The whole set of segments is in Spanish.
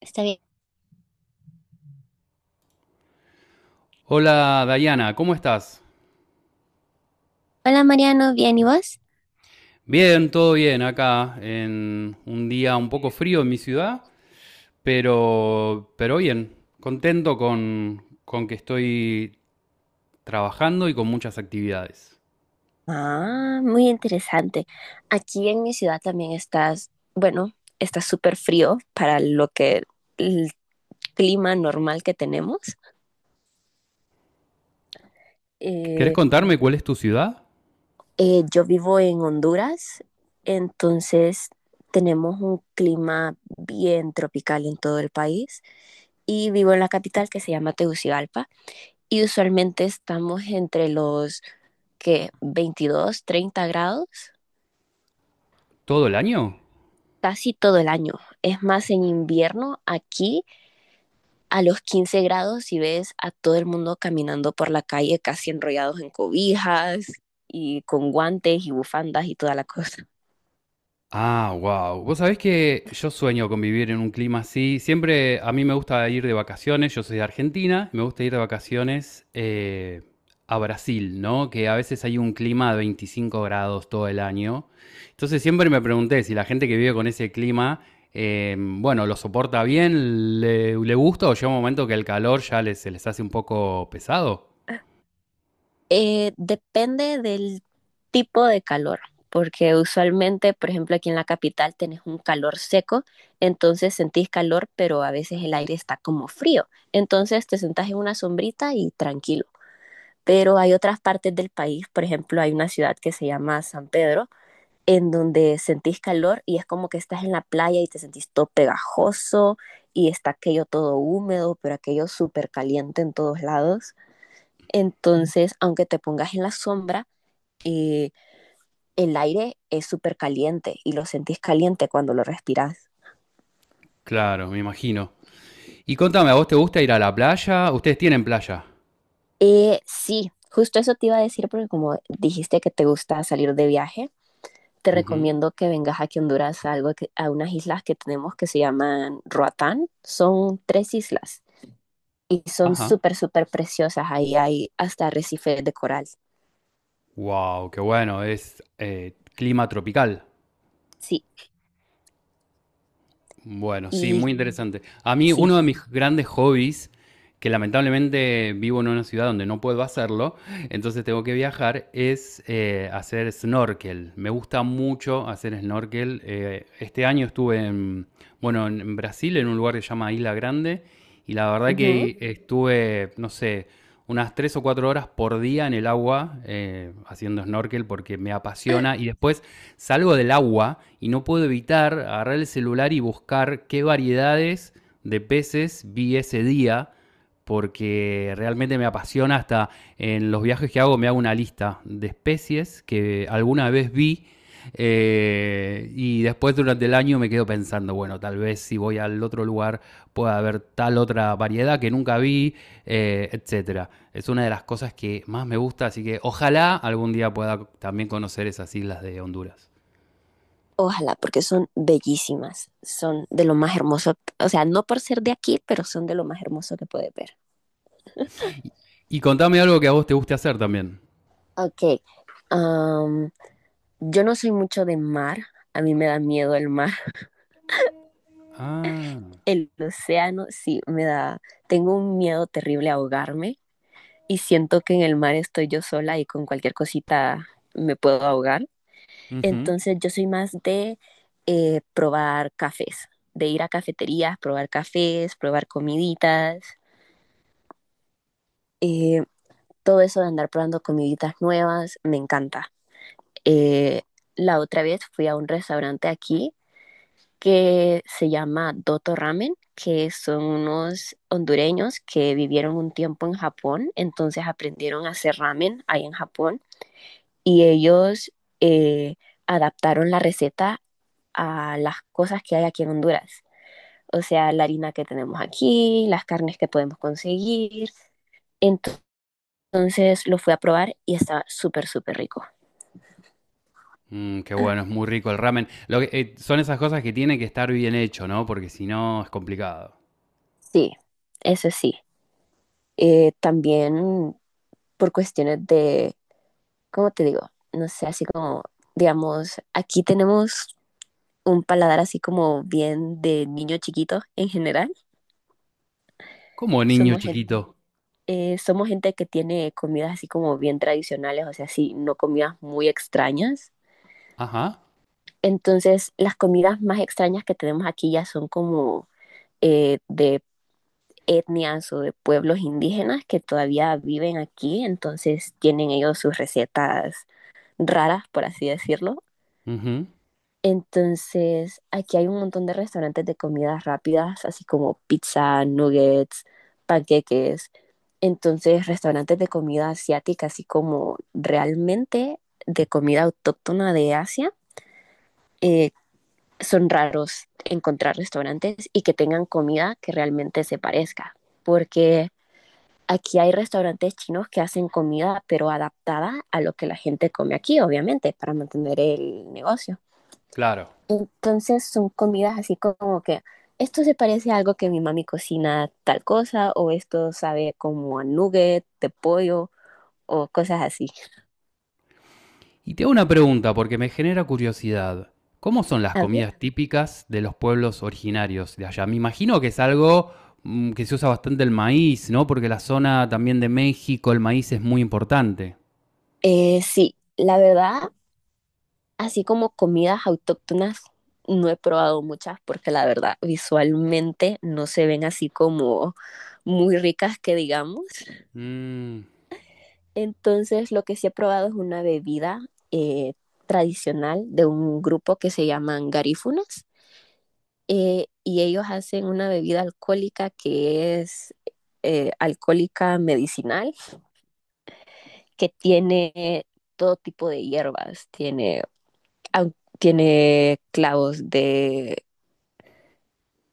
Está bien. Hola Dayana, ¿cómo estás? Hola Mariano, ¿bien y vos? Bien, todo bien acá en un día un poco frío en mi ciudad, pero bien, contento con que estoy trabajando y con muchas actividades. Ah, muy interesante. Aquí en mi ciudad también estás, bueno, está súper frío para lo que el clima normal que tenemos. ¿Querés Eh, contarme cuál es tu ciudad? Yo vivo en Honduras, entonces tenemos un clima bien tropical en todo el país y vivo en la capital que se llama Tegucigalpa y usualmente estamos entre los que 22, 30 grados ¿Todo el año? casi todo el año. Es más, en invierno aquí a los 15 grados y ves a todo el mundo caminando por la calle casi enrollados en cobijas y con guantes y bufandas y toda la cosa. Ah, wow. Vos sabés que yo sueño con vivir en un clima así. Siempre a mí me gusta ir de vacaciones. Yo soy de Argentina. Me gusta ir de vacaciones a Brasil, ¿no? Que a veces hay un clima de 25 grados todo el año. Entonces siempre me pregunté si la gente que vive con ese clima, bueno, lo soporta bien, le gusta o llega un momento que el calor ya se les hace un poco pesado. Depende del tipo de calor, porque usualmente, por ejemplo, aquí en la capital tenés un calor seco, entonces sentís calor, pero a veces el aire está como frío. Entonces te sentás en una sombrita y tranquilo, pero hay otras partes del país, por ejemplo, hay una ciudad que se llama San Pedro, en donde sentís calor y es como que estás en la playa y te sentís todo pegajoso y está aquello todo húmedo, pero aquello súper caliente en todos lados. Entonces, aunque te pongas en la sombra, eh, el aire es súper caliente y lo sentís caliente cuando lo respiras. Claro, me imagino. Y contame, ¿a vos te gusta ir a la playa? ¿Ustedes tienen playa? Sí, justo eso te iba a decir porque como dijiste que te gusta salir de viaje, te Ujú. recomiendo que vengas aquí a Honduras a, algo que, a unas islas que tenemos que se llaman Roatán. Son tres islas y son Ajá. súper, súper preciosas. Ahí hay hasta arrecifes de coral. Wow, qué bueno, es clima tropical. Sí, Bueno, sí, y muy interesante. A mí sí. uno de mis grandes hobbies que lamentablemente vivo en una ciudad donde no puedo hacerlo, entonces tengo que viajar, es hacer snorkel. Me gusta mucho hacer snorkel. Este año estuve en, bueno, en Brasil, en un lugar que se llama Isla Grande, y la verdad Ujú. que estuve, no sé, unas 3 o 4 horas por día en el agua haciendo snorkel porque me apasiona y después salgo del agua y no puedo evitar agarrar el celular y buscar qué variedades de peces vi ese día porque realmente me apasiona hasta en los viajes que hago me hago una lista de especies que alguna vez vi. Y después durante el año me quedo pensando, bueno, tal vez si voy al otro lugar pueda haber tal otra variedad que nunca vi, etcétera. Es una de las cosas que más me gusta, así que ojalá algún día pueda también conocer esas islas de Honduras. Ojalá, porque son bellísimas. Son de lo más hermoso. O sea, no por ser de aquí, pero son de lo más hermoso que puedes ver. Y contame algo que a vos te guste hacer también. Ok. am, yo no soy mucho de mar. A mí me da miedo el mar. Ah. El océano, sí, me da. Tengo un miedo terrible a ahogarme y siento que en el mar estoy yo sola y con cualquier cosita me puedo ahogar. Ujú. Entonces yo soy más de probar cafés, de ir a cafeterías, probar cafés, probar comiditas. eh, Todo eso de andar probando comiditas nuevas, me encanta. Eh, la otra vez fui a un restaurante aquí que se llama Doto Ramen, que son unos hondureños que vivieron un tiempo en Japón, entonces aprendieron a hacer ramen ahí en Japón y ellos eh, adaptaron la receta a las cosas que hay aquí en Honduras. O sea, la harina que tenemos aquí, las carnes que podemos conseguir. Entonces lo fui a probar y estaba súper, súper rico. Mm, qué bueno, es muy rico el ramen. Son esas cosas que tiene que estar bien hecho, ¿no? Porque si no es complicado. Sí, eso sí. También por cuestiones de, ¿cómo te digo? No sé, así como, digamos, aquí tenemos un paladar así como bien de niño chiquito en general. Como niño Somos gente, chiquito. Somos gente que tiene comidas así como bien tradicionales, o sea, sí, no comidas muy extrañas. Ajá. Entonces, las comidas más extrañas que tenemos aquí ya son como de etnias o de pueblos indígenas que todavía viven aquí, entonces tienen ellos sus recetas raras, por así decirlo. Ujú. Entonces, aquí hay un montón de restaurantes de comidas rápidas, así como pizza, nuggets, panqueques. Entonces, restaurantes de comida asiática, así como realmente de comida autóctona de Asia, eh, son raros encontrar restaurantes y que tengan comida que realmente se parezca, porque aquí hay restaurantes chinos que hacen comida pero adaptada a lo que la gente come aquí, obviamente, para mantener el negocio. Claro. Entonces son comidas así como que esto se parece a algo que mi mami cocina tal cosa o esto sabe como a nugget de pollo o cosas así. Y te hago una pregunta porque me genera curiosidad. ¿Cómo son las A ver. comidas típicas de los pueblos originarios de allá? Me imagino que es algo que se usa bastante el maíz, ¿no? Porque la zona también de México, el maíz es muy importante. Sí, la verdad. Así como comidas autóctonas, no he probado muchas porque la verdad visualmente no se ven así como muy ricas que digamos. Mm. Entonces lo que sí he probado es una bebida eh, tradicional de un grupo que se llaman garífunas, y ellos hacen una bebida alcohólica que es alcohólica medicinal que tiene todo tipo de hierbas, tiene, au- tiene clavos de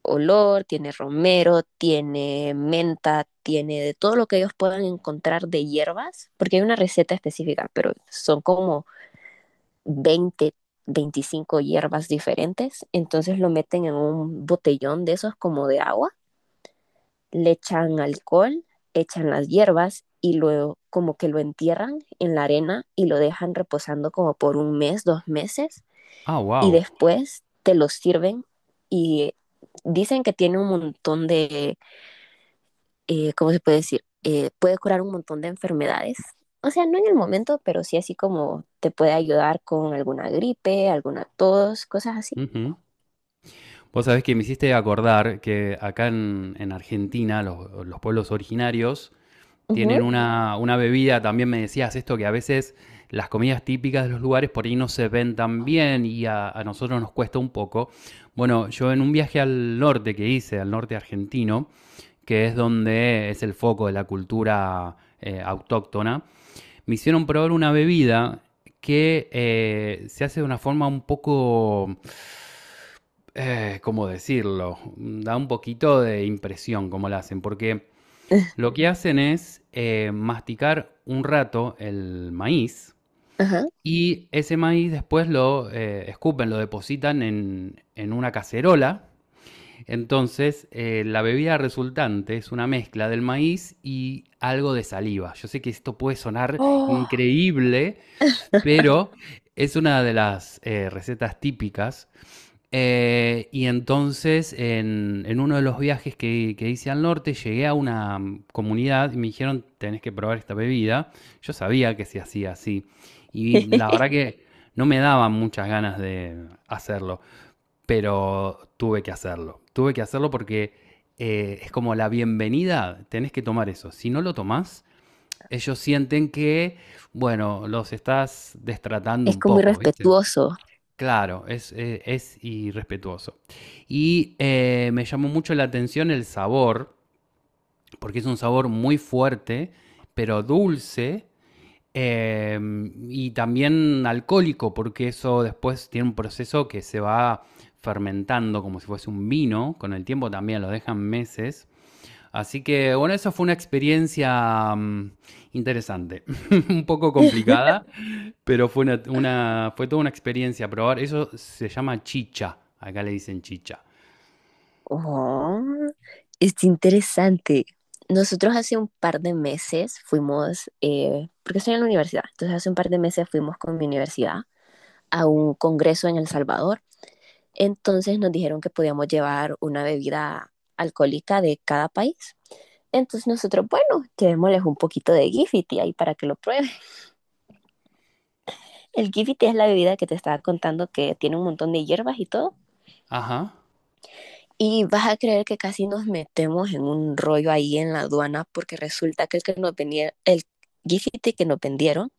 olor, tiene romero, tiene menta, tiene de todo lo que ellos puedan encontrar de hierbas, porque hay una receta específica, pero son como 20 25 hierbas diferentes, entonces lo meten en un botellón de esos como de agua, le echan alcohol, echan las hierbas y luego como que lo entierran en la arena y lo dejan reposando como por un mes, dos meses Ah, y wow. después te lo sirven y dicen que tiene un montón de ¿cómo se puede decir? Puede curar un montón de enfermedades. O sea, no en el momento, pero sí así como te puede ayudar con alguna gripe, alguna tos, cosas así. Vos sabés que me hiciste acordar que acá en Argentina los pueblos originarios Ujú, tienen una bebida, también me decías esto, que a veces las comidas típicas de los lugares por ahí no se ven tan bien y a nosotros nos cuesta un poco. Bueno, yo en un viaje al norte que hice, al norte argentino, que es donde es el foco de la cultura autóctona, me hicieron probar una bebida que se hace de una forma un poco ¿cómo decirlo? Da un poquito de impresión cómo lo hacen, porque lo que hacen es masticar un rato el maíz ajá. y ese maíz después lo escupen, lo depositan en una cacerola. Entonces, la bebida resultante es una mezcla del maíz y algo de saliva. Yo sé que esto puede sonar Oh. increíble, pero es una de las recetas típicas y entonces, en uno de los viajes que hice al norte, llegué a una comunidad y me dijeron, tenés que probar esta bebida. Yo sabía que se hacía así. Y la verdad que no me daban muchas ganas de hacerlo, pero tuve que hacerlo. Tuve que hacerlo porque es como la bienvenida, tenés que tomar eso. Si no lo tomás, ellos sienten que, bueno, los estás destratando Es un como muy poco, ¿viste? respetuoso. Claro, es irrespetuoso. Y me llamó mucho la atención el sabor, porque es un sabor muy fuerte, pero dulce eh, y también alcohólico, porque eso después tiene un proceso que se va fermentando como si fuese un vino, con el tiempo también lo dejan meses. Así que bueno, eso fue una experiencia interesante, un poco complicada, pero fue toda una experiencia probar. Eso se llama chicha. Acá le dicen chicha. Oh, es interesante. Nosotros hace un par de meses fuimos, porque estoy en la universidad, entonces hace un par de meses fuimos con mi universidad a un congreso en El Salvador. Entonces nos dijeron que podíamos llevar una bebida alcohólica de cada país. Entonces nosotros, bueno, llevémosles un poquito de Gifiti ahí para que lo prueben. El Gifiti es la bebida que te estaba contando que tiene un montón de hierbas y todo. Ajá. Y vas a creer que casi nos metemos en un rollo ahí en la aduana porque resulta que el Gifiti que nos vendieron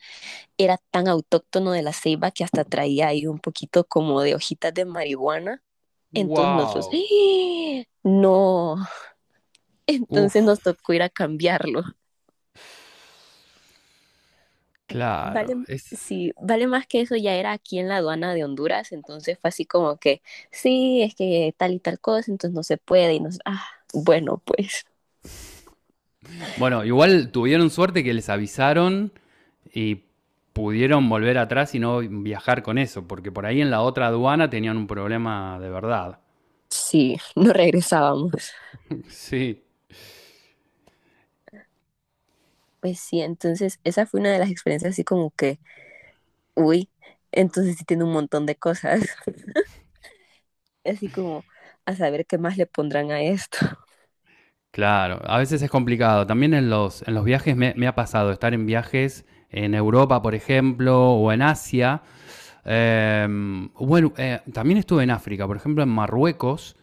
era tan autóctono de la ceiba que hasta traía ahí un poquito como de hojitas de marihuana. Entonces nosotros, Wow. ¡ah, no! Entonces nos Uf, tocó ir a cambiarlo. Vale, claro. Es. sí, vale más que eso, ya era aquí en la aduana de Honduras, entonces fue así como que, sí, es que tal y tal cosa, entonces no se puede y nos, ah, bueno, pues Bueno, igual tuvieron suerte que les avisaron y pudieron volver atrás y no viajar con eso, porque por ahí en la otra aduana tenían un problema de verdad. sí, no regresábamos. Sí. Pues sí, entonces esa fue una de las experiencias así como que, uy, entonces sí tiene un montón de cosas, así como a saber qué más le pondrán a esto. Claro, a veces es complicado. También en los viajes me ha pasado estar en viajes en Europa, por ejemplo, o en Asia. Eh, bueno, También estuve en África, por ejemplo, en Marruecos.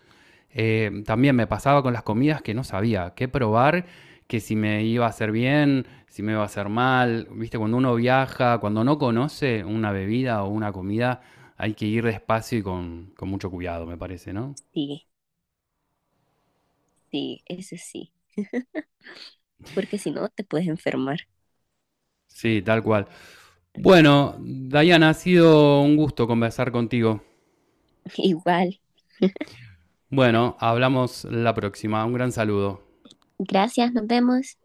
También me pasaba con las comidas que no sabía qué probar, que si me iba a hacer bien, si me iba a hacer mal. Viste, cuando uno viaja, cuando no conoce una bebida o una comida, hay que ir despacio y con mucho cuidado, me parece, ¿no? Sí, sí, ese sí, porque si no te puedes enfermar. Sí, tal cual. Bueno, Dayana, ha sido un gusto conversar contigo. Igual. Bueno, hablamos la próxima. Un gran saludo. Gracias, nos vemos.